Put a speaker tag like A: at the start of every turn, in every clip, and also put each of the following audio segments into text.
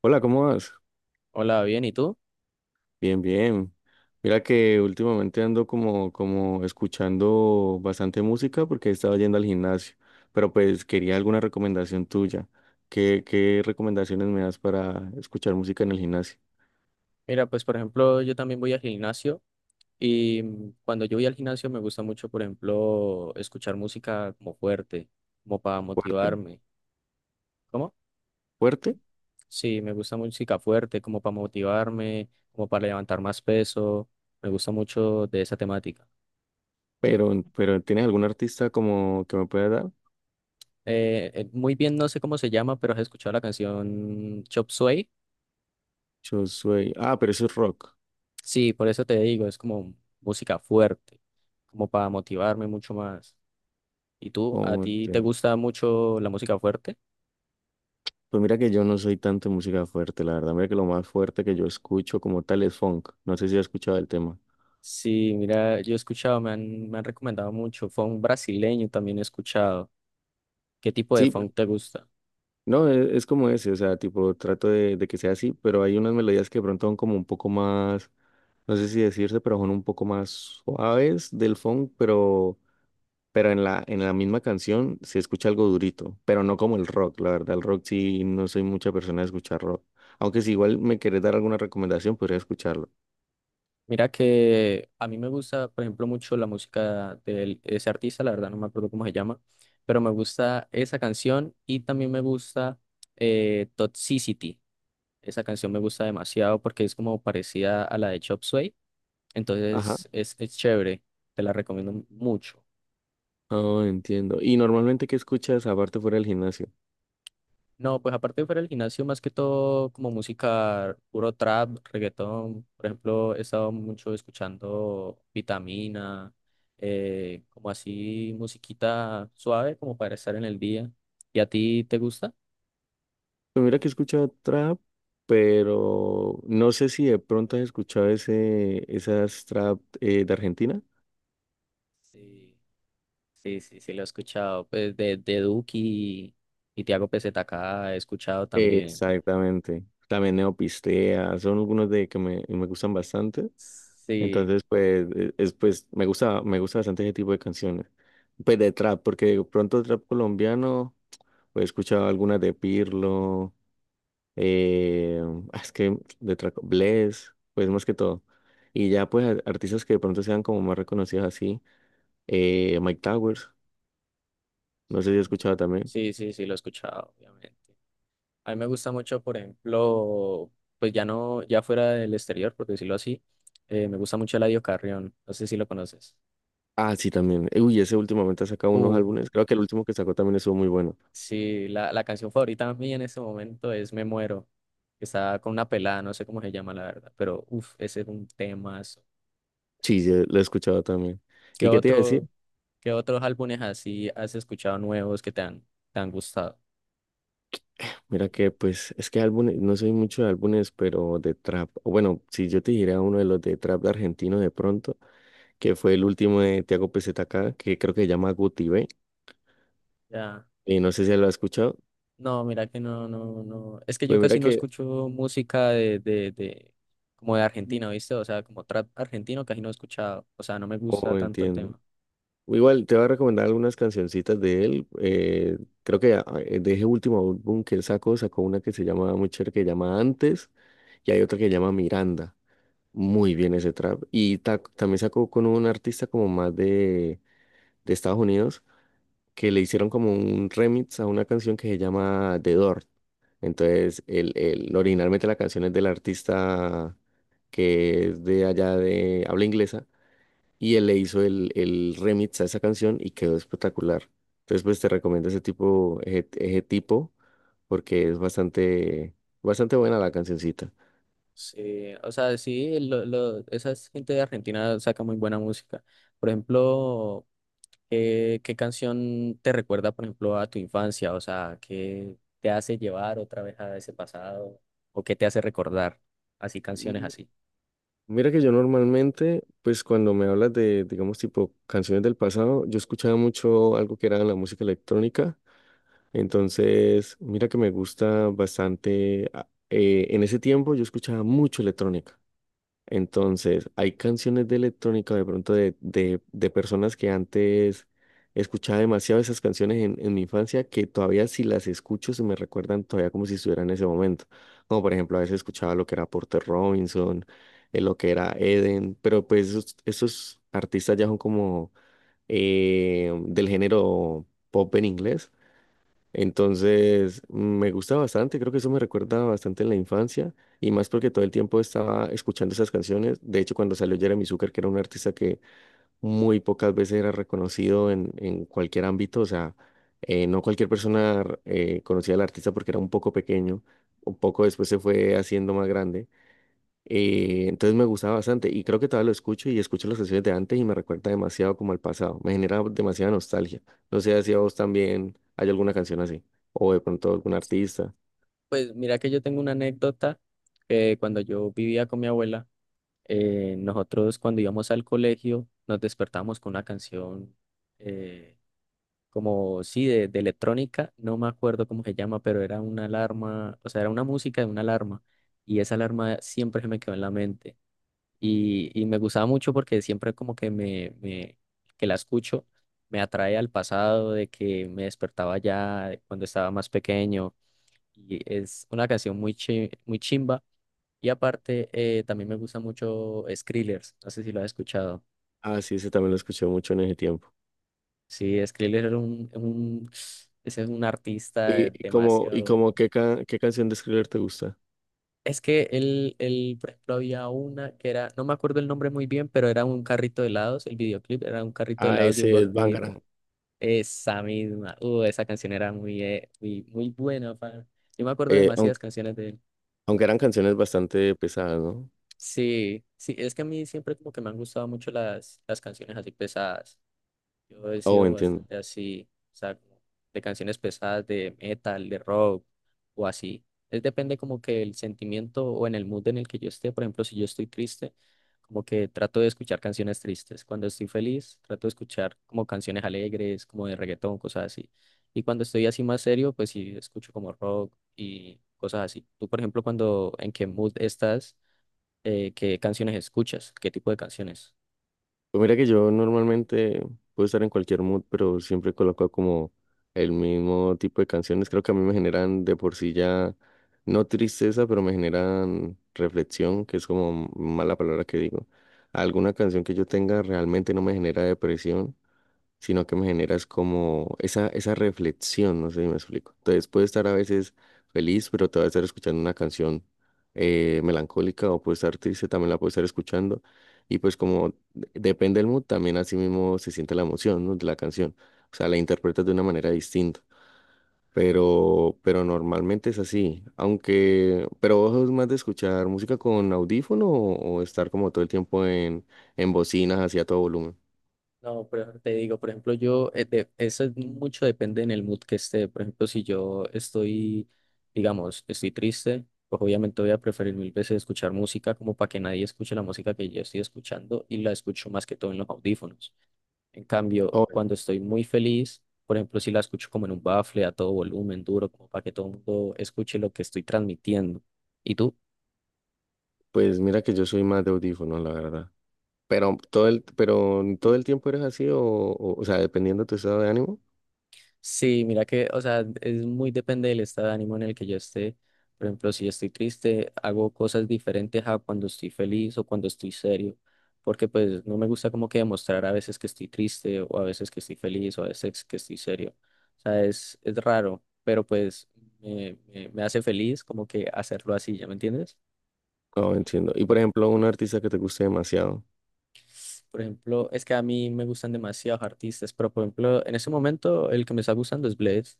A: Hola, ¿cómo vas?
B: Hola, bien, ¿y tú?
A: Bien, bien. Mira que últimamente ando como escuchando bastante música porque he estado yendo al gimnasio, pero pues quería alguna recomendación tuya. ¿Qué recomendaciones me das para escuchar música en el gimnasio?
B: Mira, pues por ejemplo, yo también voy al gimnasio y cuando yo voy al gimnasio me gusta mucho, por ejemplo, escuchar música como fuerte, como para
A: Fuerte,
B: motivarme. ¿Cómo?
A: fuerte,
B: Sí, me gusta música fuerte, como para motivarme, como para levantar más peso. Me gusta mucho de esa temática.
A: pero ¿tienes algún artista como que me pueda dar?
B: Muy bien, no sé cómo se llama, pero has escuchado la canción Chop Suey.
A: Yo soy, ah, pero eso es rock.
B: Sí, por eso te digo, es como música fuerte, como para motivarme mucho más. ¿Y tú? ¿A
A: Oh,
B: ti te gusta mucho la música fuerte?
A: pues mira que yo no soy tanto de música fuerte, la verdad. Mira que lo más fuerte que yo escucho como tal es funk. No sé si has escuchado el tema.
B: Sí, mira, yo he escuchado, me han recomendado mucho funk brasileño, también he escuchado. ¿Qué tipo de
A: Sí,
B: funk te gusta?
A: no, es como ese, o sea, tipo, trato de que sea así, pero hay unas melodías que de pronto son como un poco más, no sé si decirse, pero son un poco más suaves del funk, pero en la misma canción se escucha algo durito, pero no como el rock, la verdad, el rock sí no soy mucha persona de escuchar rock, aunque si igual me querés dar alguna recomendación, podría escucharlo.
B: Mira que a mí me gusta, por ejemplo, mucho la música de ese artista, la verdad no me acuerdo cómo se llama, pero me gusta esa canción y también me gusta Toxicity. Esa canción me gusta demasiado porque es como parecida a la de Chop Suey,
A: Ajá.
B: entonces es chévere, te la recomiendo mucho.
A: Oh, entiendo. ¿Y normalmente qué escuchas aparte fuera del gimnasio?
B: No, pues aparte de fuera del gimnasio, más que todo como música, puro trap, reggaetón. Por ejemplo, he estado mucho escuchando Vitamina, como así musiquita suave, como para estar en el día. ¿Y a ti te gusta?
A: Pues mira que he escuchado trap, pero no sé si de pronto has escuchado esas trap de Argentina.
B: Sí, sí, sí, sí, lo he escuchado. Pues de Duki y Tiago PZK he escuchado también.
A: Exactamente. También Neopistea, son algunos de que me gustan bastante.
B: Sí,
A: Entonces, pues, es, pues me gusta bastante ese tipo de canciones. Pues de trap, porque de pronto trap colombiano, pues he escuchado algunas de Pirlo, eh, ah, es que de trap, Bless, pues más que todo. Y ya pues artistas que de pronto sean como más reconocidos así. Mike Towers, no sé si he
B: sí,
A: escuchado también.
B: sí, sí, sí, lo he escuchado, obviamente. A mí me gusta mucho, por ejemplo, pues ya no, ya fuera del exterior, por decirlo así, me gusta mucho Eladio Carrión, no sé si lo conoces.
A: Ah, sí, también. Uy, ese últimamente ha sacado unos
B: Uh,
A: álbumes. Creo que el último que sacó también estuvo muy bueno.
B: sí, la canción favorita mía en este momento es Me Muero, que está con una pelada, no sé cómo se llama la verdad, pero uff, ese es un tema.
A: Sí, sí, lo he escuchado también.
B: ¿Qué
A: ¿Y qué te iba a decir?
B: otro, ¿Qué otros álbumes así has escuchado nuevos que te han gustado?
A: Mira que, pues, es que álbumes, no soy mucho de álbumes, pero de trap. O bueno, si yo te dijera uno de los de trap argentino de pronto, que fue el último de Tiago PZK, que creo que se llama Guti B.
B: Ya.
A: Y no sé si lo has escuchado.
B: No, mira que no, no, no. Es que yo
A: Pues
B: casi
A: mira
B: no
A: que,
B: escucho música de como de Argentina, ¿viste? O sea, como trap argentino casi no he escuchado. O sea, no me gusta
A: oh,
B: tanto el
A: entiendo.
B: tema.
A: Igual te voy a recomendar algunas cancioncitas de él. Creo que ah, de ese último álbum que él sacó, sacó una que se llama muy chévere, que se llama Antes, y hay otra que se llama Miranda. Muy bien ese trap. Y también sacó con un artista como más de Estados Unidos, que le hicieron como un remix a una canción que se llama The Door. Entonces, originalmente la canción es del artista que es de allá de habla inglesa y él le hizo el remix a esa canción y quedó espectacular. Entonces, pues te recomiendo ese tipo, ese tipo, porque es bastante, bastante buena la cancioncita.
B: Sí, o sea, sí, esa es gente de Argentina saca muy buena música. Por ejemplo, ¿qué canción te recuerda, por ejemplo, a tu infancia? O sea, ¿qué te hace llevar otra vez a ese pasado? ¿O qué te hace recordar? Así, canciones
A: Mm,
B: así.
A: mira que yo normalmente, pues cuando me hablas de, digamos, tipo canciones del pasado, yo escuchaba mucho algo que era la música electrónica. Entonces, mira que me gusta bastante. En ese tiempo yo escuchaba mucho electrónica. Entonces, hay canciones de electrónica de pronto de personas que antes escuchaba demasiado esas canciones en mi infancia que todavía si las escucho se me recuerdan todavía como si estuviera en ese momento. Como por ejemplo, a veces escuchaba lo que era Porter Robinson, lo que era Eden, pero pues esos artistas ya son como del género pop en inglés. Entonces, me gusta bastante, creo que eso me recuerda bastante en la infancia y más porque todo el tiempo estaba escuchando esas canciones. De hecho, cuando salió Jeremy Zucker, que era un artista que muy pocas veces era reconocido en cualquier ámbito, o sea, no cualquier persona conocía al artista porque era un poco pequeño, un poco después se fue haciendo más grande. Entonces me gustaba bastante y creo que todavía lo escucho y escucho las canciones de antes y me recuerda demasiado como al pasado. Me genera demasiada nostalgia. No sé si a vos también hay alguna canción así o de pronto algún artista.
B: Pues mira que yo tengo una anécdota que cuando yo vivía con mi abuela, eh, nosotros cuando íbamos al colegio nos despertábamos con una canción eh, como, sí, de electrónica, no me acuerdo cómo se llama, pero era una alarma, o sea, era una música de una alarma y esa alarma siempre se me quedó en la mente y me gustaba mucho porque siempre como que que la escucho me atrae al pasado de que me despertaba ya cuando estaba más pequeño y es una canción muy chimba y aparte, también me gusta mucho Skrillex, no sé si lo has escuchado.
A: Ah, sí, ese también lo escuché mucho en ese tiempo.
B: Sí, Skrillex era ese es un artista
A: ¿Y, y como, y
B: demasiado bueno.
A: como qué, qué canción de Skriller te gusta?
B: Es que él, por ejemplo, había una que era, no me acuerdo el nombre muy bien, pero era un carrito de helados, el videoclip era un carrito de
A: Ah,
B: helados de un
A: ese es
B: gordito.
A: Bangarang.
B: Esa misma, esa canción era muy, muy, muy buena, pa. Yo me acuerdo de demasiadas
A: Aunque,
B: canciones de él.
A: aunque eran canciones bastante pesadas, ¿no?
B: Sí, sí, es que a mí siempre como que me han gustado mucho las canciones así pesadas. Yo he
A: Oh,
B: sido
A: entiendo.
B: bastante así, o sea, como de canciones pesadas, de metal, de rock o así. Es depende como que el sentimiento o en el mood en el que yo esté. Por ejemplo, si yo estoy triste, como que trato de escuchar canciones tristes. Cuando estoy feliz, trato de escuchar como canciones alegres, como de reggaetón, cosas así. Y cuando estoy así más serio, pues sí, escucho como rock y cosas así. Tú, por ejemplo, cuando en qué mood estás, ¿qué canciones escuchas? ¿Qué tipo de canciones?
A: Pues mira que yo normalmente puedo estar en cualquier mood, pero siempre coloco como el mismo tipo de canciones. Creo que a mí me generan de por sí ya, no tristeza, pero me generan reflexión, que es como mala palabra que digo. Alguna canción que yo tenga realmente no me genera depresión sino que me generas como esa reflexión, no sé si me explico. Entonces puedo estar a veces feliz, pero te voy a estar escuchando una canción melancólica o puedo estar triste, también la puedo estar escuchando. Y pues como depende del mood, también así mismo se siente la emoción, ¿no? De la canción. O sea, la interpretas de una manera distinta. Pero normalmente es así. Aunque, pero vos sos más de escuchar música con audífono o estar como todo el tiempo en bocinas así a todo volumen.
B: No, pero te digo, por ejemplo, eso es mucho depende en el mood que esté. Por ejemplo, si yo estoy, digamos, estoy triste, pues obviamente voy a preferir mil veces escuchar música como para que nadie escuche la música que yo estoy escuchando y la escucho más que todo en los audífonos. En cambio, cuando estoy muy feliz, por ejemplo, si la escucho como en un bafle, a todo volumen, duro, como para que todo el mundo escuche lo que estoy transmitiendo. ¿Y tú?
A: Pues mira que yo soy más de audífonos, la verdad. Pero todo el tiempo eres así o sea, dependiendo de tu estado de ánimo.
B: Sí, mira que, o sea, es muy depende del estado de ánimo en el que yo esté. Por ejemplo, si estoy triste, hago cosas diferentes a cuando estoy feliz o cuando estoy serio, porque pues no me gusta como que demostrar a veces que estoy triste o a veces que estoy feliz o a veces que estoy serio. O sea, es raro, pero pues me hace feliz como que hacerlo así, ¿ya me entiendes?
A: Oh, entiendo. Y por ejemplo, un artista que te guste demasiado.
B: Por ejemplo, es que a mí me gustan demasiados artistas, pero por ejemplo, en ese momento el que me está gustando es Bless.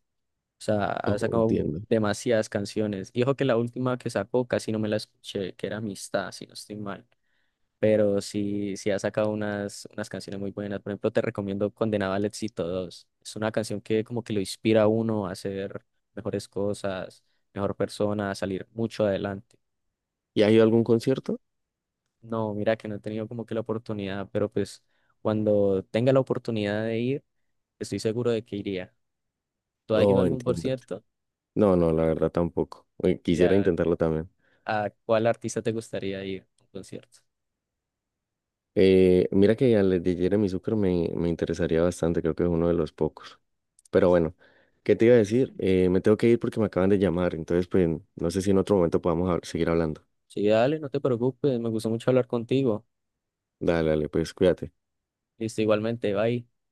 B: O sea, ha
A: Oh,
B: sacado
A: entiendo.
B: demasiadas canciones. Y ojo que la última que sacó casi no me la escuché, que era Amistad, si no estoy mal. Pero sí, sí ha sacado unas, unas canciones muy buenas. Por ejemplo, te recomiendo Condenado al Éxito dos. Es una canción que como que lo inspira a uno a hacer mejores cosas, mejor persona, a salir mucho adelante.
A: ¿Y ha ido a algún concierto?
B: No, mira que no he tenido como que la oportunidad, pero pues cuando tenga la oportunidad de ir, estoy seguro de que iría. ¿Tú has ido a
A: Oh,
B: algún
A: entiendo.
B: concierto?
A: No, no, la verdad tampoco. Quisiera
B: Y,
A: intentarlo también.
B: ¿a cuál artista te gustaría ir a un concierto?
A: Mira que al de Jeremy Zucker me interesaría bastante, creo que es uno de los pocos. Pero bueno, ¿qué te iba a decir?
B: Sí.
A: Me tengo que ir porque me acaban de llamar, entonces pues no sé si en otro momento podamos seguir hablando.
B: Sí, dale, no te preocupes, me gustó mucho hablar contigo.
A: Dale, dale, pues cuídate.
B: Listo, igualmente, bye.